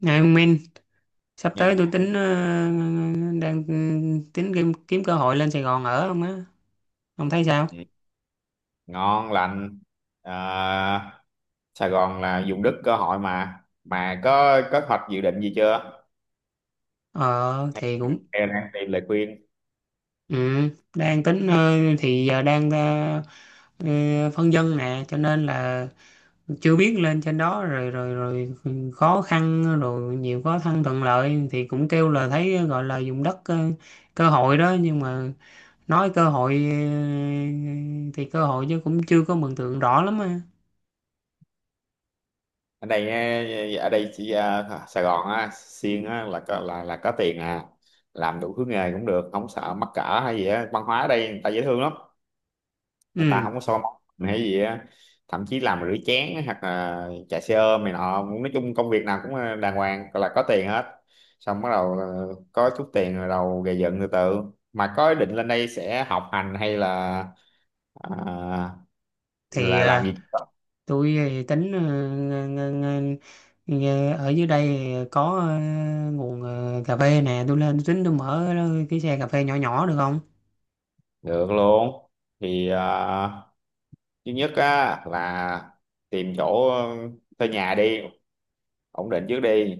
Này ông Minh, sắp Nghe tới tôi hẳn. tính đang tính kiếm cơ hội lên Sài Gòn ở không á. Ông thấy sao? Ừ, ngon lành à, Sài Gòn là vùng đất cơ hội, mà có hoạch dự định gì chưa, Ờ hay thì cũng hay đang tìm lời khuyên? ừ, đang tính thì giờ đang ờ, phân vân nè, cho nên là chưa biết lên trên đó rồi rồi rồi khó khăn rồi nhiều khó khăn thuận lợi thì cũng kêu là thấy gọi là dùng đất cơ hội đó, nhưng mà nói cơ hội thì cơ hội chứ cũng chưa có mường tượng rõ lắm á. Ở đây chỉ Sài Gòn á, Xiên á, là có, là có tiền à. Làm đủ thứ nghề cũng được, không sợ mắc cỡ hay gì á. Văn hóa ở đây người ta dễ thương lắm, người ta Ừ, không có so móc mình hay gì á. Thậm chí làm rửa chén hoặc là chạy xe ôm này nọ, nói chung công việc nào cũng đàng hoàng, gọi là có tiền hết. Xong bắt đầu có chút tiền rồi đầu gầy dựng từ từ. Mà có ý định lên đây sẽ học hành hay là ờ, thì là làm gì? tôi thì tính ng- ng- ở dưới đây thì có nguồn cà phê nè, tôi lên tính tôi mở cái xe cà phê nhỏ nhỏ được không? Được luôn. Thì thứ nhất á là tìm chỗ thuê nhà đi, ổn định trước đi,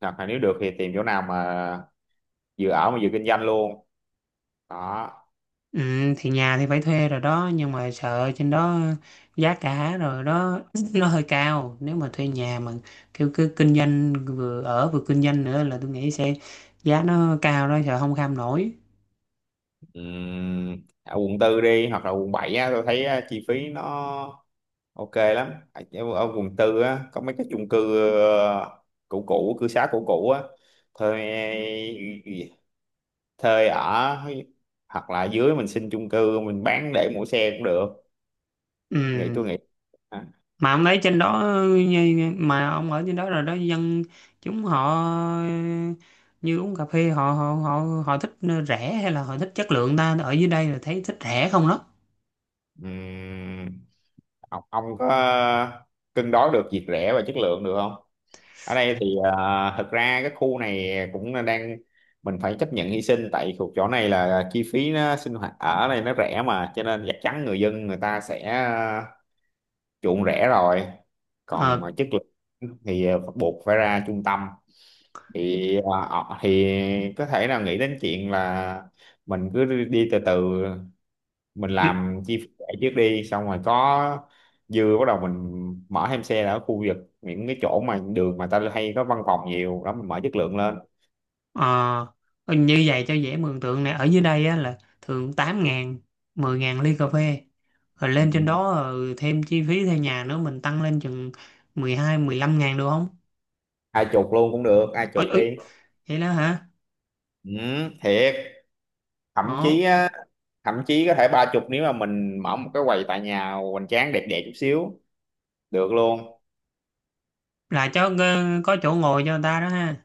hoặc là nếu được thì tìm chỗ nào mà vừa ở mà vừa kinh doanh luôn đó. Ừ, thì nhà thì phải thuê rồi đó, nhưng mà sợ trên đó giá cả rồi đó nó hơi cao, nếu mà thuê nhà mà kiểu cứ kinh doanh, vừa ở vừa kinh doanh nữa là tôi nghĩ sẽ giá nó cao đó, sợ không kham nổi. Ở quận tư đi hoặc là quận 7 á, tôi thấy á, chi phí nó ok lắm. Ở, ở quận tư á có mấy cái chung cư cũ cũ, cư xá cũ cũ á. Thuê, ừ, thuê ở, hoặc là dưới mình xin chung cư mình bán để mua xe cũng được. nghĩ Ừ, tôi nghĩ à, mà ông lấy trên đó mà ông ở trên đó rồi đó, dân chúng họ như uống cà phê họ họ họ họ thích rẻ hay là họ thích chất lượng ta? Ở dưới đây là thấy thích rẻ không đó. ừm, ông có cân đối được việc rẻ và chất lượng được không? Ở đây thì thực ra cái khu này cũng là đang, mình phải chấp nhận hy sinh tại thuộc chỗ này là chi phí nó sinh hoạt ở đây nó rẻ, mà cho nên chắc chắn người dân người ta sẽ uh, chuộng rẻ rồi. Còn Ờ, mà chất lượng thì buộc phải ra trung tâm. Thì thì có thể là nghĩ đến chuyện là mình cứ đi từ từ, mình ừ, làm chi phí lẻ trước đi, xong rồi có dư bắt đầu mình mở thêm xe ở khu vực những cái chỗ mà đường mà ta hay có văn phòng nhiều đó, mình mở chất lượng lên. ờ, như vậy cho dễ mường tượng nè. Ở dưới đây á, là thường 8.000 10.000 ly cà phê, rồi lên trên Ừ. đó thêm chi phí thuê nhà nữa mình tăng lên chừng 12, 15.000 được không? Ai chục luôn cũng được, ai Ôi, chục ôi, đi. vậy đó hả? Ừ, thiệt. Thậm Ồ, chí á, thậm chí có thể ba chục nếu mà mình mở một cái quầy tại nhà hoành tráng, đẹp đẹp chút xíu, được luôn. là cho có chỗ ngồi cho người ta đó ha?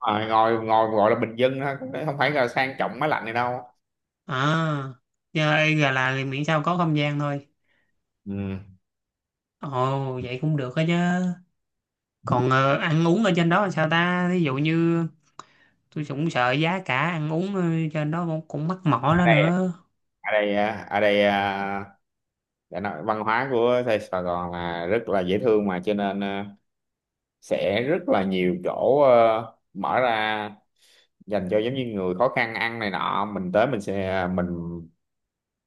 À, ngồi ngồi gọi là bình dân thôi, cũng không phải là sang trọng máy lạnh này đâu. À, chơi gà là thì miễn sao có không gian thôi. Ừ. Ồ, vậy cũng được đó chứ. Còn ăn uống ở trên đó là sao ta? Ví dụ như tôi cũng sợ giá cả ăn uống trên đó cũng mắc mỏ đó nữa. Ở đây, để nói, văn hóa của Sài Sài Gòn là rất là dễ thương, mà cho nên sẽ rất là nhiều chỗ mở ra dành cho giống như người khó khăn ăn này nọ, mình tới mình sẽ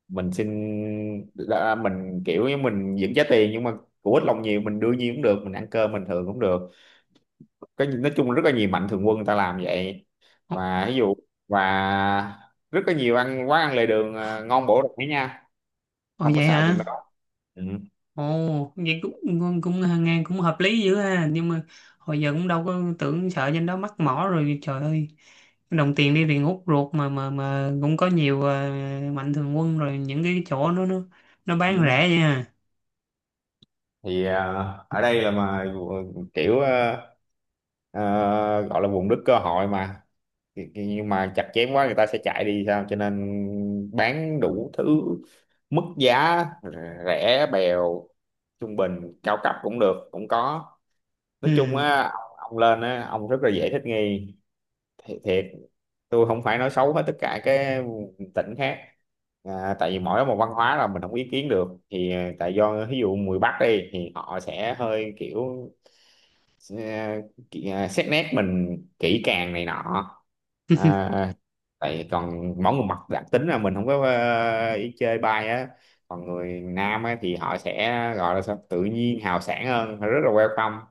mình xin, là mình kiểu như mình vẫn trả tiền nhưng mà của ít lòng nhiều, mình đưa nhiêu cũng được, mình ăn cơm bình thường cũng được. Cái nói chung là rất là nhiều mạnh thường quân người ta làm vậy. Ồ, Và ví dụ và rất là nhiều ăn quán ăn lề đường ngon bổ rẻ nha. ồ, Không có vậy sợ chuyện hả? đó. Ừ. Ồ, vậy cũng cũng, cũng nghe cũng hợp lý dữ ha. Nhưng mà hồi giờ cũng đâu có tưởng, sợ trên đó mắc mỏ rồi. Trời ơi, đồng tiền đi tiền hút ruột, mà cũng có nhiều mạnh thường quân rồi những cái chỗ nó bán Ừ, rẻ vậy ha. thì ở đây là mà kiểu à, gọi là vùng đất cơ hội mà. Thì nhưng mà chặt chém quá người ta sẽ chạy đi sao, cho nên bán đủ thứ mức giá, rẻ bèo, trung bình, cao cấp cũng được, cũng có. Nói chung Ừ. á ông lên á, ông rất là dễ thích nghi. Thiệt, tôi không phải nói xấu hết tất cả cái tỉnh khác tại vì mỗi một văn hóa là mình không ý kiến được, thì tại do ví dụ người Bắc đi thì họ sẽ hơi kiểu à, xét nét mình kỹ càng này nọ, à, tại còn mỗi người mặt đặc tính là mình không có ý chơi bay á. Còn người Nam á, thì họ sẽ gọi là sao, tự nhiên hào sảng hơn, rất là welcome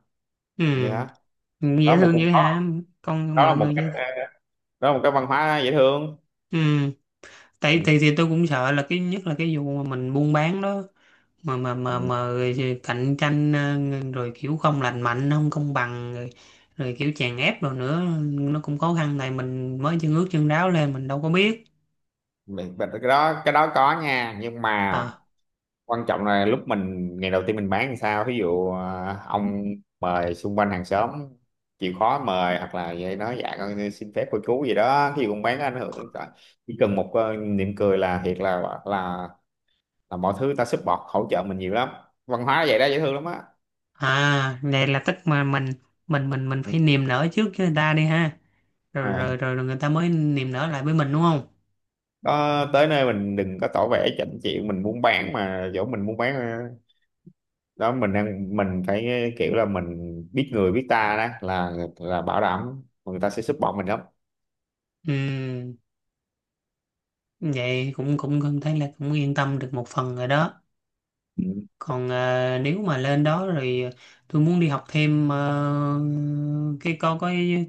Ừ, như đó. dễ Đó là một, thương cũng dữ có, hả, con đó là mọi một người cách dễ thương. Đó là một cái văn hóa dễ thương. Ừ, tại Ừ. thì tôi cũng sợ là cái nhất là cái vụ mà mình buôn bán đó, mà mà Ừ, mà mà rồi cạnh tranh rồi kiểu không lành mạnh, không công bằng rồi, rồi kiểu chèn ép rồi nữa, nó cũng khó khăn này, mình mới chân ướt chân ráo lên mình đâu có biết. vậy cái đó có nha, nhưng mà À, quan trọng là lúc mình ngày đầu tiên mình bán thì sao, ví dụ ông mời xung quanh hàng xóm, chịu khó mời, hoặc là vậy nói dạ con xin phép cô chú gì đó, ví dụ con bán có ảnh hưởng đến cả-, chỉ cần một niệm cười là thiệt, là là mọi thứ ta support hỗ trợ mình nhiều lắm. Văn hóa vậy đó, dễ thương lắm á. Này là tức mà mình Ừ, đúng. phải niềm nở trước với người ta đi ha, rồi người ta mới niềm nở lại với mình đúng không? Đó, tới nơi mình đừng có tỏ vẻ chảnh chịu, mình muốn bán mà, dẫu mình muốn bán đó, mình đang mình phải kiểu là mình biết người biết ta, đó là bảo đảm người ta sẽ support mình lắm. Ừ, vậy cũng cũng cũng thấy là cũng yên tâm được một phần rồi đó. Ừ. Còn nếu mà lên đó rồi tôi muốn đi học thêm cái có cái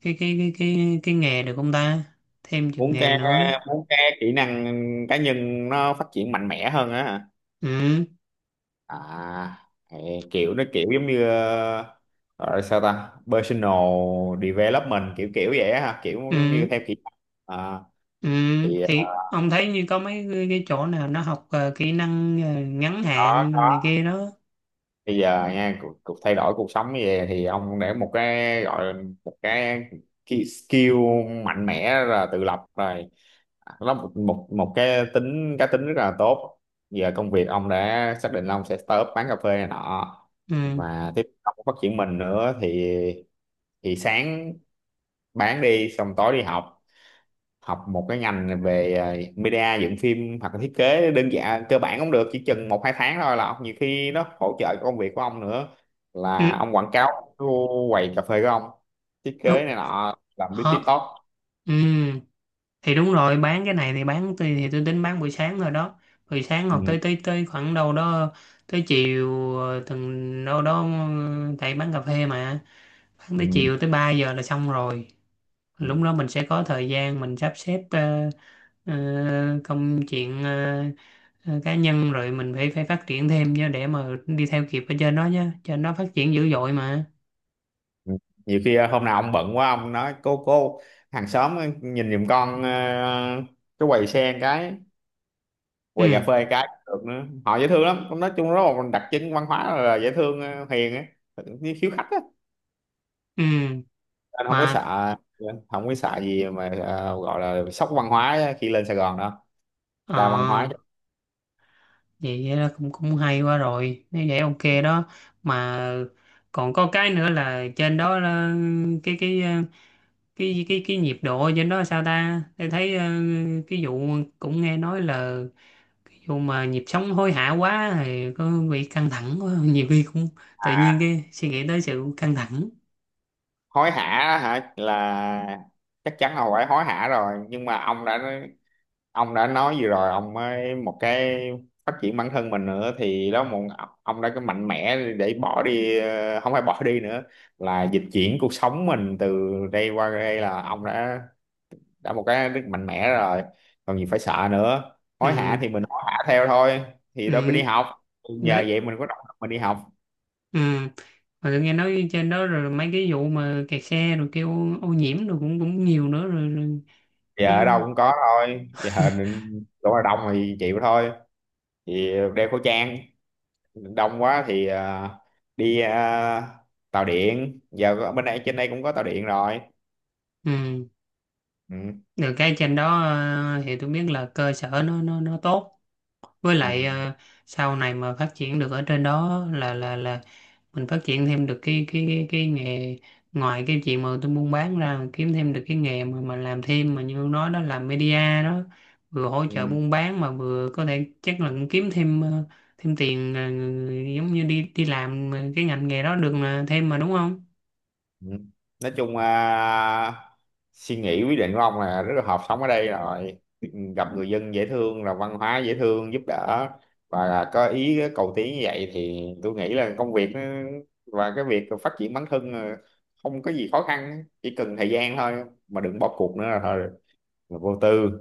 cái cái cái cái cái nghề được không ta, thêm chừng muốn cái nghề nữa? muốn cái kỹ năng cá nhân nó phát triển mạnh mẽ hơn á hả? Ừ, À, ê, kiểu nó kiểu giống như gọi là sao ta, personal development, kiểu kiểu vậy á hả, kiểu giống như ừ, theo kỹ năng. à, ừ. thì Thì ông thấy như có mấy cái chỗ nào nó học kỹ năng ngắn hạn này đó, kia đó? bây giờ nha, cuộc thay đổi cuộc sống như vậy thì ông để một cái gọi là một cái skill mạnh mẽ là tự lập rồi, nó một một một cái tính, cá tính rất là tốt. Giờ công việc ông đã xác định là ông sẽ start up bán cà phê này nọ, Ừ, và tiếp tục phát triển mình nữa, thì sáng bán đi, xong tối đi học, học một cái ngành về media dựng phim hoặc là thiết kế đơn giản cơ bản cũng được, chỉ chừng một hai tháng thôi, là ông nhiều khi nó hỗ trợ công việc của ông nữa, ừ, là ông quảng cáo cái quầy cà phê của ông, thiết kế đúng. này nọ làm biết Ờ, TikTok. ừ, thì đúng rồi, bán cái này thì bán, tôi thì tôi tính bán buổi sáng rồi đó, buổi sáng hoặc Ừ. tới tới tới khoảng đâu đó tới chiều, từng đâu đó tại bán cà phê mà, bán Ừ. tới chiều tới 3 giờ là xong rồi. Ừ. Lúc đó mình sẽ có thời gian mình sắp xếp công chuyện cá nhân, rồi mình phải phải phát triển thêm chứ, để mà đi theo kịp ở trên đó chứ, trên đó phát triển dữ dội mà. Ừ. Nhiều khi hôm nào ông bận quá ông nói cô hàng xóm nhìn giùm con cái quầy sen, cái quầy cà Ừ, phê cái cũng được nữa, họ dễ thương lắm. Nói chung rất là một đặc trưng văn hóa là dễ thương hiền á, khiếu khách á. ừ. Anh không có Mà sợ, không có sợ gì mà gọi là sốc văn hóa khi lên Sài Gòn đó. ờ, Đa văn hóa chứ. vậy là cũng cũng hay quá rồi, nếu vậy ok đó. Mà còn có cái nữa là trên đó là cái ờ, cái nhiệt độ trên đó sao ta? Tôi thấy cái vụ cũng nghe nói là cái vụ mà nhịp sống hối hả quá thì có bị căng thẳng quá nhiều khi cũng tự nhiên cái suy nghĩ tới sự căng thẳng. Hối hả hả là chắc chắn là phải hối hả rồi, nhưng mà ông đã nói gì rồi, ông mới một cái phát triển bản thân mình nữa, thì đó một, ông đã cái mạnh mẽ để bỏ đi không phải bỏ đi nữa, là dịch chuyển cuộc sống mình từ đây qua đây, là ông đã một cái rất mạnh mẽ rồi, còn gì phải sợ nữa. Ừ, Hối hả thì mình hối hả theo thôi, thì đâu mình đi ừ, học, nhờ đấy, vậy mình có động lực mình đi học. ừ. Mà tôi nghe nói trên đó rồi mấy cái vụ mà kẹt xe rồi kêu ô nhiễm rồi cũng cũng nhiều nữa rồi, rồi, Giờ ở đâu rồi cũng có thôi giờ, chỗ nào đông thì chịu thôi, thì đeo khẩu trang, đông quá thì đi tàu điện, giờ ở bên đây trên đây cũng có tàu điện rồi. Ừ. Ừ, Được cái trên đó thì tôi biết là cơ sở nó tốt. Với ừ, lại sau này mà phát triển được ở trên đó là mình phát triển thêm được cái nghề, ngoài cái chuyện mà tôi buôn bán ra, kiếm thêm được cái nghề mà làm thêm, mà như ông nói đó, làm media đó, vừa hỗ trợ ừ, buôn bán mà vừa có thể chắc là cũng kiếm thêm thêm tiền giống như đi đi làm cái ngành nghề đó được là thêm mà, đúng không? ừ. Nói chung suy nghĩ quyết định của ông là rất là hợp, sống ở đây rồi gặp người dân dễ thương, là văn hóa dễ thương giúp đỡ, và là có ý cầu tiến như vậy thì tôi nghĩ là và cái việc phát triển bản thân là không có gì khó khăn, chỉ cần thời gian thôi mà đừng bỏ cuộc nữa là thôi, là vô tư.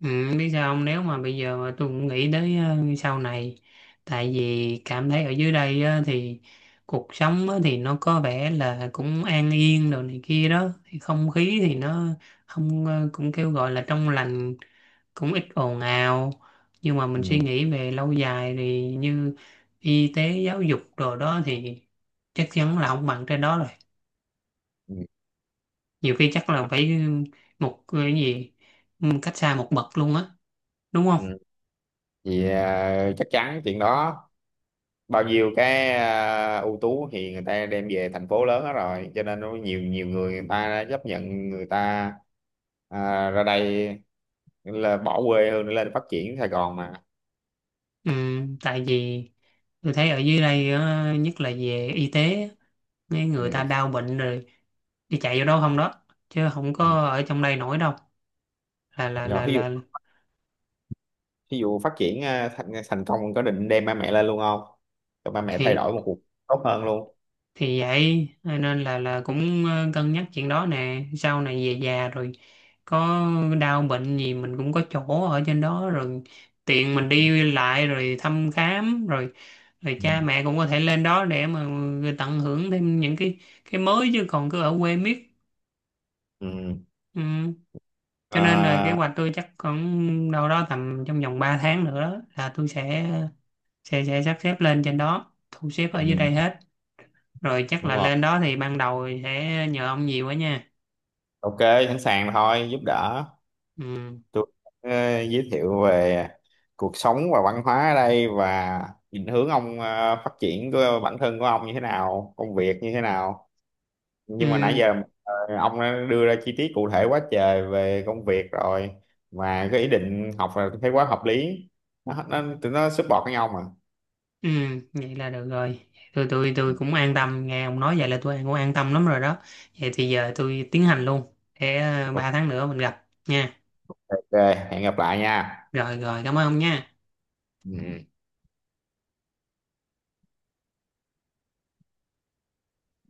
Ừ, biết sao không, nếu mà bây giờ mà tôi cũng nghĩ tới sau này, tại vì cảm thấy ở dưới đây á, thì cuộc sống á, thì nó có vẻ là cũng an yên đồ này kia đó, thì không khí thì nó không cũng kêu gọi là trong lành, cũng ít ồn ào, nhưng mà mình suy Ừ. nghĩ về lâu dài thì như y tế, giáo dục đồ đó thì chắc chắn là không bằng trên đó rồi, Ừ. nhiều khi chắc là phải một cái gì cách xa một bậc luôn á, đúng không? Ừ, thì chắc chắn chuyện đó, bao nhiêu cái ưu tú thì người ta đem về thành phố lớn hết rồi, cho nên nó nhiều, nhiều người người ta chấp nhận, người ta ra đây là bỏ quê hương để lên phát triển Sài Gòn mà. Ừ, tại vì tôi thấy ở dưới đây á, nhất là về y tế á, mấy người ta Ừ. đau bệnh rồi đi chạy vô đâu không đó, chứ không Ừ. có ở trong đây nổi đâu, là là Rồi là ví dụ, là ví dụ phát triển thành công, có định đem ba mẹ lên luôn không, cho ba mẹ thay thì đổi một cuộc tốt hơn luôn. thì vậy nên là cũng cân nhắc chuyện đó nè, sau này về già rồi có đau bệnh gì mình cũng có chỗ ở trên đó rồi, tiện mình đi lại rồi thăm khám rồi, rồi Ừ. cha mẹ cũng có thể lên đó để mà ừ, tận hưởng thêm những cái mới chứ, còn cứ ở quê miết. Ừ. Ừ. Cho nên là kế À, hoạch tôi chắc khoảng đâu đó tầm trong vòng 3 tháng nữa đó, là tôi sẽ sắp xếp lên trên đó, thu xếp ở dưới ừ. đây hết. Rồi chắc Đúng là rồi, lên đó thì ban đầu sẽ nhờ ông nhiều quá nha. ok, sẵn sàng thôi, giúp đỡ. Ừ. Tôi ờ, giới thiệu về cuộc sống và văn hóa ở đây, và định hướng ông phát triển của bản thân của ông như thế nào, công việc như thế nào, nhưng mà nãy Ừ. giờ ờ, ông đã đưa ra chi tiết cụ thể quá trời về công việc rồi, mà cái ý định học là thấy quá hợp lý, nó tụi nó support với nhau mà. Ừ. Vậy là được rồi. Tôi cũng an tâm, nghe ông nói vậy là tôi cũng an tâm lắm rồi đó. Vậy thì giờ tôi tiến hành luôn. Để Ok, 3 tháng nữa mình gặp nha. ok, hẹn gặp lại nha. Rồi rồi cảm ơn ông nha. Ừ.